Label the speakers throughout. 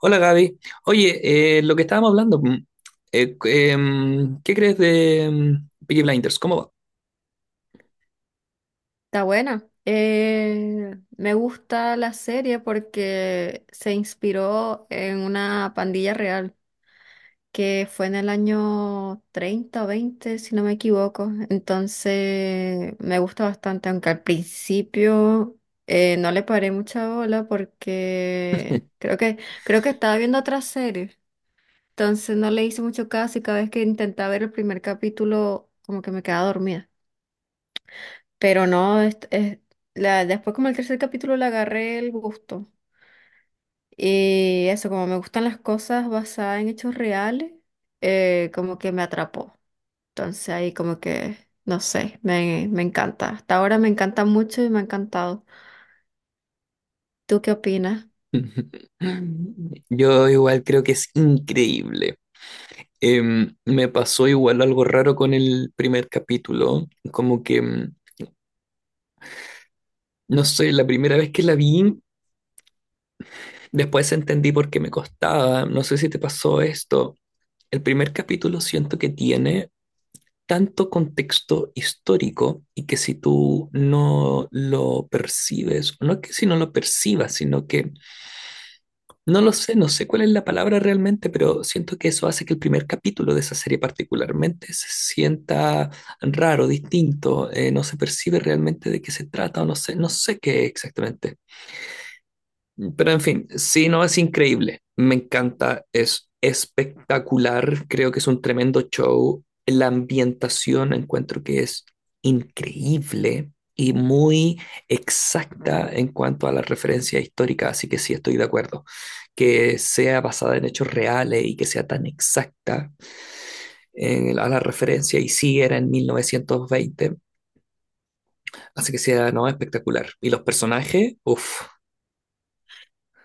Speaker 1: Hola Gaby. Oye, lo que estábamos hablando, ¿qué crees de Peaky Blinders? ¿Cómo va?
Speaker 2: Está buena. Me gusta la serie porque se inspiró en una pandilla real que fue en el año 30 o 20, si no me equivoco. Entonces me gusta bastante, aunque al principio no le paré mucha bola creo que estaba viendo otra serie. Entonces no le hice mucho caso y cada vez que intentaba ver el primer capítulo como que me quedaba dormida. Pero no, después como el tercer capítulo le agarré el gusto. Y eso, como me gustan las cosas basadas en hechos reales, como que me atrapó. Entonces ahí como que, no sé, me encanta. Hasta ahora me encanta mucho y me ha encantado. ¿Tú qué opinas?
Speaker 1: Yo igual creo que es increíble. Me pasó igual algo raro con el primer capítulo, como que, no sé, la primera vez que la vi, después entendí por qué me costaba, no sé si te pasó esto. El primer capítulo siento que tiene tanto contexto histórico y que si tú no lo percibes, no es que si no lo percibas, sino que no lo sé, no sé cuál es la palabra realmente, pero siento que eso hace que el primer capítulo de esa serie particularmente se sienta raro, distinto, no se percibe realmente de qué se trata o no sé, no sé qué exactamente. Pero en fin, sí, no, es increíble. Me encanta, es espectacular. Creo que es un tremendo show. La ambientación encuentro que es increíble y muy exacta en cuanto a la referencia histórica, así que sí estoy de acuerdo. Que sea basada en hechos reales y que sea tan exacta en- a la referencia, y sí era en 1920, así que sea, no, espectacular. Y los personajes, uff,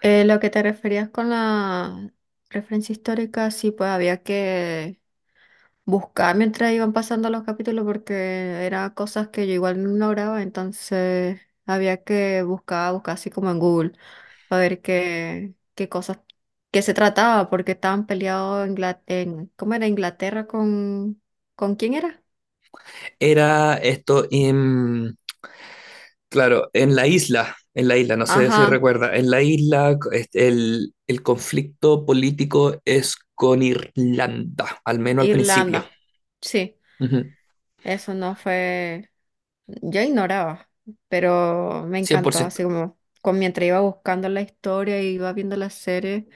Speaker 2: Lo que te referías con la referencia histórica, sí, pues había que buscar mientras iban pasando los capítulos porque eran cosas que yo igual no lograba, entonces había que buscar así como en Google, para ver qué cosas, qué se trataba, porque estaban peleados ¿cómo era? Inglaterra ¿con quién era?
Speaker 1: era esto, claro, en la isla, no sé si
Speaker 2: Ajá,
Speaker 1: recuerda, en la isla este, el conflicto político es con Irlanda, al menos al principio.
Speaker 2: Irlanda, sí.
Speaker 1: Ujú,
Speaker 2: Eso no fue, yo ignoraba, pero me
Speaker 1: cien por
Speaker 2: encantó, así
Speaker 1: ciento.
Speaker 2: como con, mientras iba buscando la historia y iba viendo la serie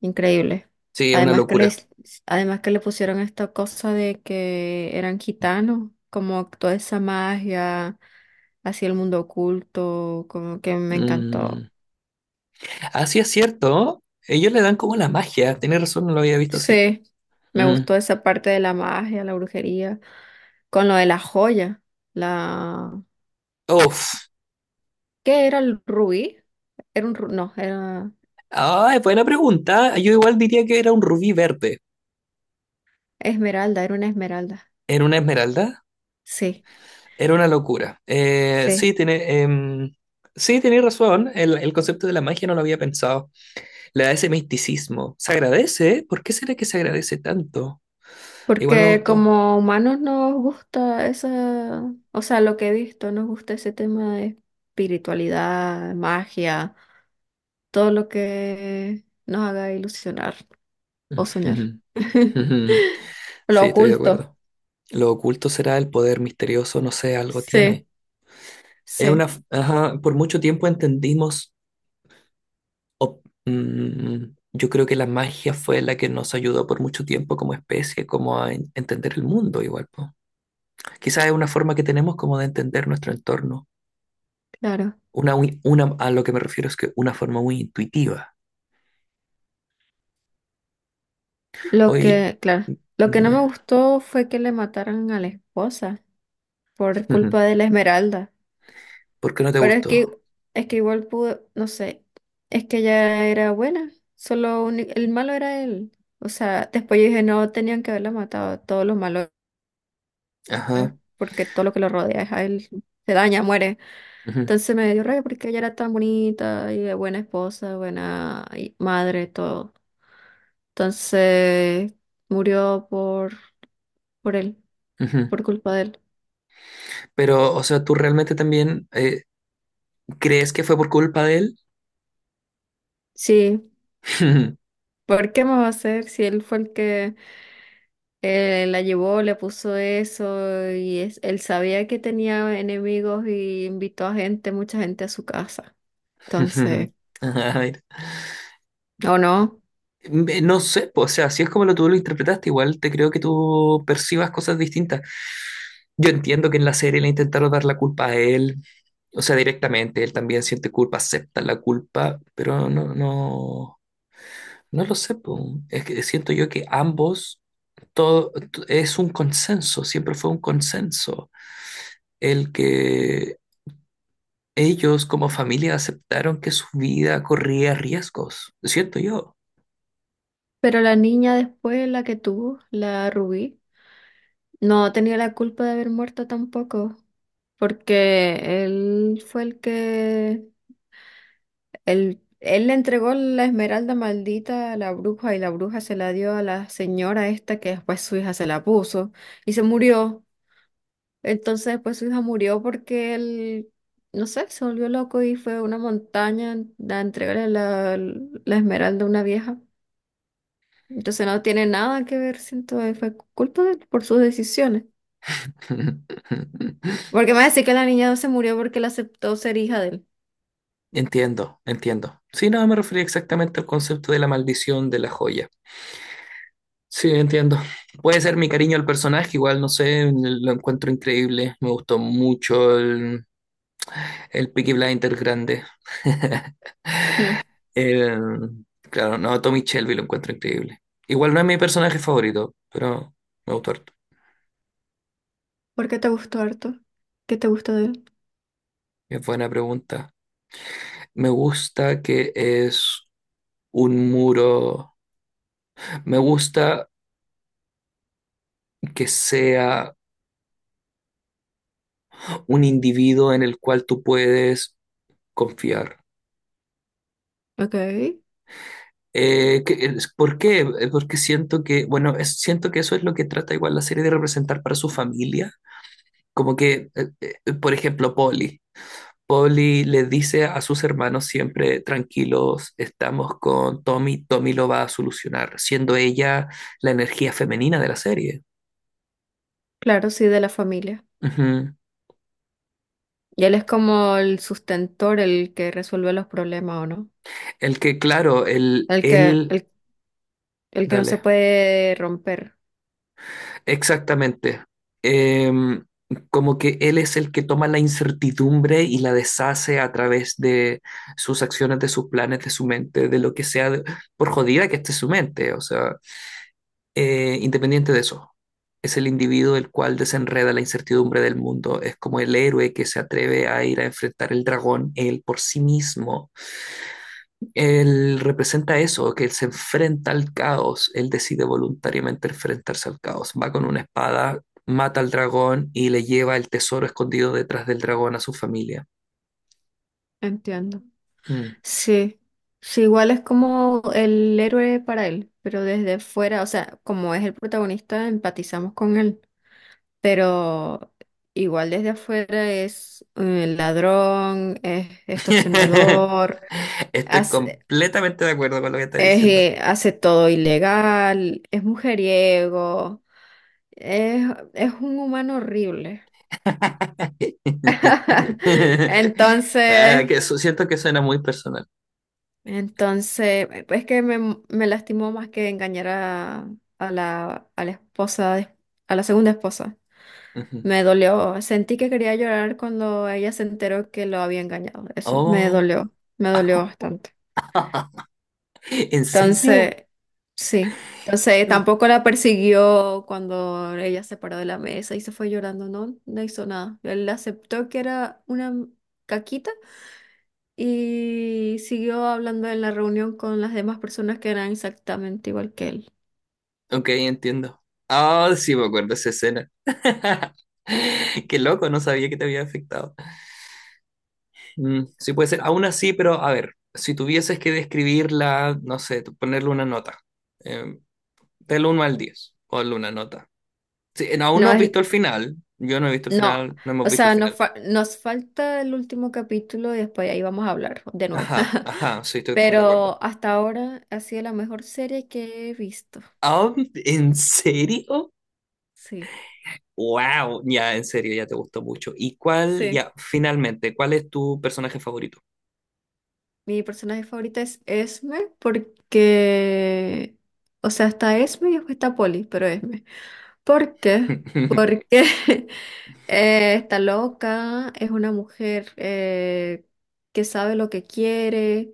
Speaker 2: increíble.
Speaker 1: Sí, es una
Speaker 2: Además que
Speaker 1: locura.
Speaker 2: les, además que le pusieron esta cosa de que eran gitanos, como toda esa magia, así el mundo oculto, como que me encantó.
Speaker 1: Mm. Ah, sí, es cierto. Ellos le dan como la magia. Tienes razón, no lo había visto así.
Speaker 2: Sí, me
Speaker 1: Mm.
Speaker 2: gustó esa parte de la magia, la brujería, con lo de la joya, la
Speaker 1: Uf.
Speaker 2: ¿Qué era el rubí? Era un, ru- no, era
Speaker 1: Ay, buena pregunta. Yo igual diría que era un rubí verde.
Speaker 2: esmeralda, era una esmeralda.
Speaker 1: ¿Era una esmeralda?
Speaker 2: Sí,
Speaker 1: Era una locura.
Speaker 2: sí.
Speaker 1: Sí, tiene, sí, tiene razón. El concepto de la magia no lo había pensado. Le da ese misticismo. Se agradece, ¿eh? ¿Por qué será que se agradece tanto? Igual me
Speaker 2: Porque
Speaker 1: gustó.
Speaker 2: como humanos nos gusta esa, o sea, lo que he visto, nos gusta ese tema de espiritualidad, magia, todo lo que nos haga ilusionar o soñar. Lo
Speaker 1: Sí, estoy de
Speaker 2: oculto.
Speaker 1: acuerdo. Lo oculto será el poder misterioso, no sé, algo tiene.
Speaker 2: Sí,
Speaker 1: Es una,
Speaker 2: sí,
Speaker 1: f- ajá, por mucho tiempo entendimos, yo creo que la magia fue la que nos ayudó por mucho tiempo como especie, como a en- entender el mundo igual, po. Quizás es una forma que tenemos como de entender nuestro entorno.
Speaker 2: claro.
Speaker 1: Una, muy- una, a lo que me refiero es que una forma muy intuitiva. Oye,
Speaker 2: Claro, lo que no me
Speaker 1: dime.
Speaker 2: gustó fue que le mataran a la esposa por
Speaker 1: Ujú.
Speaker 2: culpa de la esmeralda.
Speaker 1: ¿Por qué no te
Speaker 2: Pero es
Speaker 1: gustó?
Speaker 2: que, es que igual pudo, no sé, es que ella era buena, solo el malo era él. O sea, después yo dije, no, tenían que haberla matado, todos los malos, es
Speaker 1: Ajá.
Speaker 2: porque todo lo que lo rodea es a él, se daña, muere.
Speaker 1: Ujú.
Speaker 2: Entonces me dio rabia porque ella era tan bonita y buena esposa, buena y madre, todo. Entonces murió por él,
Speaker 1: Ujú.
Speaker 2: por culpa de él.
Speaker 1: Pero, o sea, ¿tú realmente también crees que fue por culpa de él?
Speaker 2: Sí, ¿por qué me va a hacer si él fue el que... la llevó, le puso eso y él sabía que tenía enemigos y invitó a gente, mucha gente a su casa. Entonces,
Speaker 1: Ajá, mira.
Speaker 2: o no.
Speaker 1: Me- No sé, po, o sea, si es como lo tú lo interpretaste, igual te creo que tú percibas cosas distintas. Yo entiendo que en la serie le intentaron dar la culpa a él, o sea, directamente, él también siente culpa, acepta la culpa, pero no, no, no lo sé, po. Es que siento yo que ambos, todo, es un consenso, siempre fue un consenso. El que ellos como familia aceptaron que su vida corría riesgos. Siento yo.
Speaker 2: Pero la niña después, la que tuvo, la Rubí, no tenía la culpa de haber muerto tampoco, porque él fue el que, él le entregó la esmeralda maldita a la bruja y la bruja se la dio a la señora esta que después su hija se la puso y se murió. Entonces después su hija murió porque él, no sé, se volvió loco y fue a una montaña a entregarle la esmeralda a una vieja. Entonces no tiene nada que ver, siento, fue culpa de él por sus decisiones. Porque me va a decir que la niña no se murió porque él aceptó ser hija de él.
Speaker 1: Entiendo, entiendo. Sí, no, me refería exactamente al concepto de la maldición de la joya. Sí, entiendo. Puede ser mi cariño al personaje, igual, no sé, lo encuentro increíble. Me gustó mucho el Peaky Blinders grande.
Speaker 2: Mm.
Speaker 1: El- claro, no, Tommy Shelby lo encuentro increíble. Igual no es mi personaje favorito, pero me gustó harto.
Speaker 2: ¿Por qué te gustó harto? ¿Qué te gusta de él?
Speaker 1: Es buena pregunta. Me gusta que es un muro. Me gusta que sea un individuo en el cual tú puedes confiar.
Speaker 2: Ok.
Speaker 1: ¿Por qué? Porque siento que, bueno, es- siento que eso es lo que trata igual la serie de representar para su familia. Como que, por ejemplo, Polly. Polly le dice a sus hermanos siempre, tranquilos, estamos con Tommy, Tommy lo va a solucionar, siendo ella la energía femenina de la serie.
Speaker 2: Claro, sí, de la familia.
Speaker 1: Ujú.
Speaker 2: Y él es como el sustentor, el que resuelve los problemas, ¿o no?
Speaker 1: El que, claro,
Speaker 2: El que,
Speaker 1: él,
Speaker 2: el, el que no se
Speaker 1: dale,
Speaker 2: puede romper.
Speaker 1: exactamente. Em, Como que él es el que toma la incertidumbre y la deshace a través de sus acciones, de sus planes, de su mente, de lo que sea, de- por jodida que esté su mente, o sea, independiente de eso. Es el individuo el cual desenreda la incertidumbre del mundo, es como el héroe que se atreve a ir a enfrentar el dragón él por sí mismo. Él representa eso, que él se enfrenta al caos, él decide voluntariamente enfrentarse al caos, va con una espada, mata al dragón y le lleva el tesoro escondido detrás del dragón a su familia.
Speaker 2: Entiendo.
Speaker 1: Mm.
Speaker 2: Sí, sí, igual es como el héroe para él, pero desde fuera, o sea, como es el protagonista, empatizamos con él, pero igual desde afuera es ladrón, es extorsionador,
Speaker 1: Estoy
Speaker 2: hace,
Speaker 1: completamente de acuerdo con lo que está diciendo.
Speaker 2: hace todo ilegal, es mujeriego, es, es un humano horrible.
Speaker 1: Ah,
Speaker 2: Entonces...
Speaker 1: que eso- siento que suena muy personal.
Speaker 2: Entonces, es que me lastimó más que engañar a la esposa, a la segunda esposa.
Speaker 1: Ujú.
Speaker 2: Me dolió. Sentí que quería llorar cuando ella se enteró que lo había engañado. Eso
Speaker 1: Oh,
Speaker 2: me dolió bastante.
Speaker 1: ¿en serio?
Speaker 2: Entonces, sí.
Speaker 1: Qué
Speaker 2: Entonces,
Speaker 1: loco.
Speaker 2: tampoco la persiguió cuando ella se paró de la mesa y se fue llorando. No, no hizo nada. Él aceptó que era una caquita y siguió hablando en la reunión con las demás personas que eran exactamente igual que él.
Speaker 1: Ok, entiendo. Ah, sí, me acuerdo de esa escena. Qué loco, no sabía que te había afectado. Mm, sí puede ser, aún así, pero a ver, si tuvieses que describirla, no sé, tú ponerle una nota, eh, del 1 al 10, ponle una nota. Sí, aún no
Speaker 2: No
Speaker 1: has
Speaker 2: es,
Speaker 1: visto el final, yo no he visto el
Speaker 2: no,
Speaker 1: final, no hemos
Speaker 2: o
Speaker 1: visto el
Speaker 2: sea,
Speaker 1: final.
Speaker 2: nos falta el último capítulo y después ahí vamos a hablar de nuevo.
Speaker 1: Ajá, ajá, sí, estoy full de acuerdo.
Speaker 2: Pero hasta ahora ha sido la mejor serie que he visto.
Speaker 1: Ah, ¿en serio?
Speaker 2: Sí,
Speaker 1: Wow, ya, en serio, ya te gustó mucho. ¿Y cuál,
Speaker 2: sí.
Speaker 1: ya, finalmente, cuál es tu personaje favorito?
Speaker 2: Mi personaje favorita es Esme porque, o sea, está Esme y después está Polly, pero Esme. ¿Por qué? Porque está loca, es una mujer que sabe lo que quiere,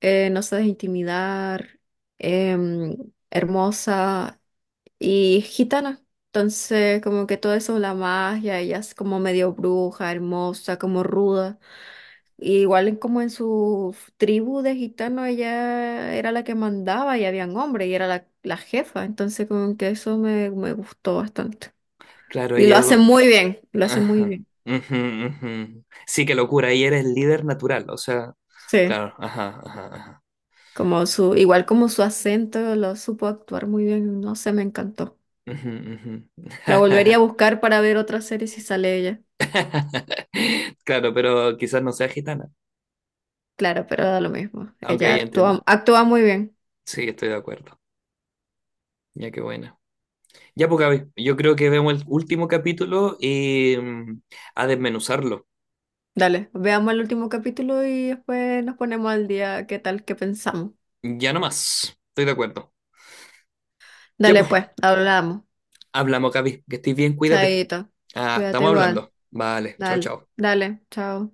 Speaker 2: no se deja intimidar, em, hermosa y gitana. Entonces, como que todo eso, la magia, ella es como medio bruja, hermosa, como ruda. Y igual como en su tribu de gitanos, ella era la que mandaba y habían hombres y era la jefa. Entonces, como que eso me gustó bastante.
Speaker 1: Claro,
Speaker 2: Y
Speaker 1: oye.
Speaker 2: lo hace muy bien, lo hace muy
Speaker 1: Ajá.
Speaker 2: bien.
Speaker 1: Ujú, ujú. Sí, qué locura. Y eres líder natural, o sea,
Speaker 2: Sí,
Speaker 1: claro, ajá, ajá, ajá.
Speaker 2: igual como su acento lo supo actuar muy bien. No sé, me encantó.
Speaker 1: Ujú, ujú.
Speaker 2: La volvería a buscar para ver otra serie si sale ella.
Speaker 1: Claro, pero quizás no sea gitana.
Speaker 2: Claro, pero da lo mismo.
Speaker 1: Aunque
Speaker 2: Ella
Speaker 1: ahí entiendo.
Speaker 2: actúa, actúa muy bien.
Speaker 1: Sí, estoy de acuerdo. Ya, qué buena. Ya, pues, Gaby, yo creo que vemos el último capítulo y a desmenuzarlo.
Speaker 2: Dale, veamos el último capítulo y después nos ponemos al día qué tal, qué pensamos.
Speaker 1: Ya no más. Estoy de acuerdo. Ya,
Speaker 2: Dale
Speaker 1: pues,
Speaker 2: pues, hablamos.
Speaker 1: hablamos, Gaby. Que estés bien, cuídate.
Speaker 2: Chaito,
Speaker 1: Ah,
Speaker 2: cuídate
Speaker 1: estamos
Speaker 2: igual.
Speaker 1: hablando. Vale, chao,
Speaker 2: Dale,
Speaker 1: chao.
Speaker 2: dale, chao.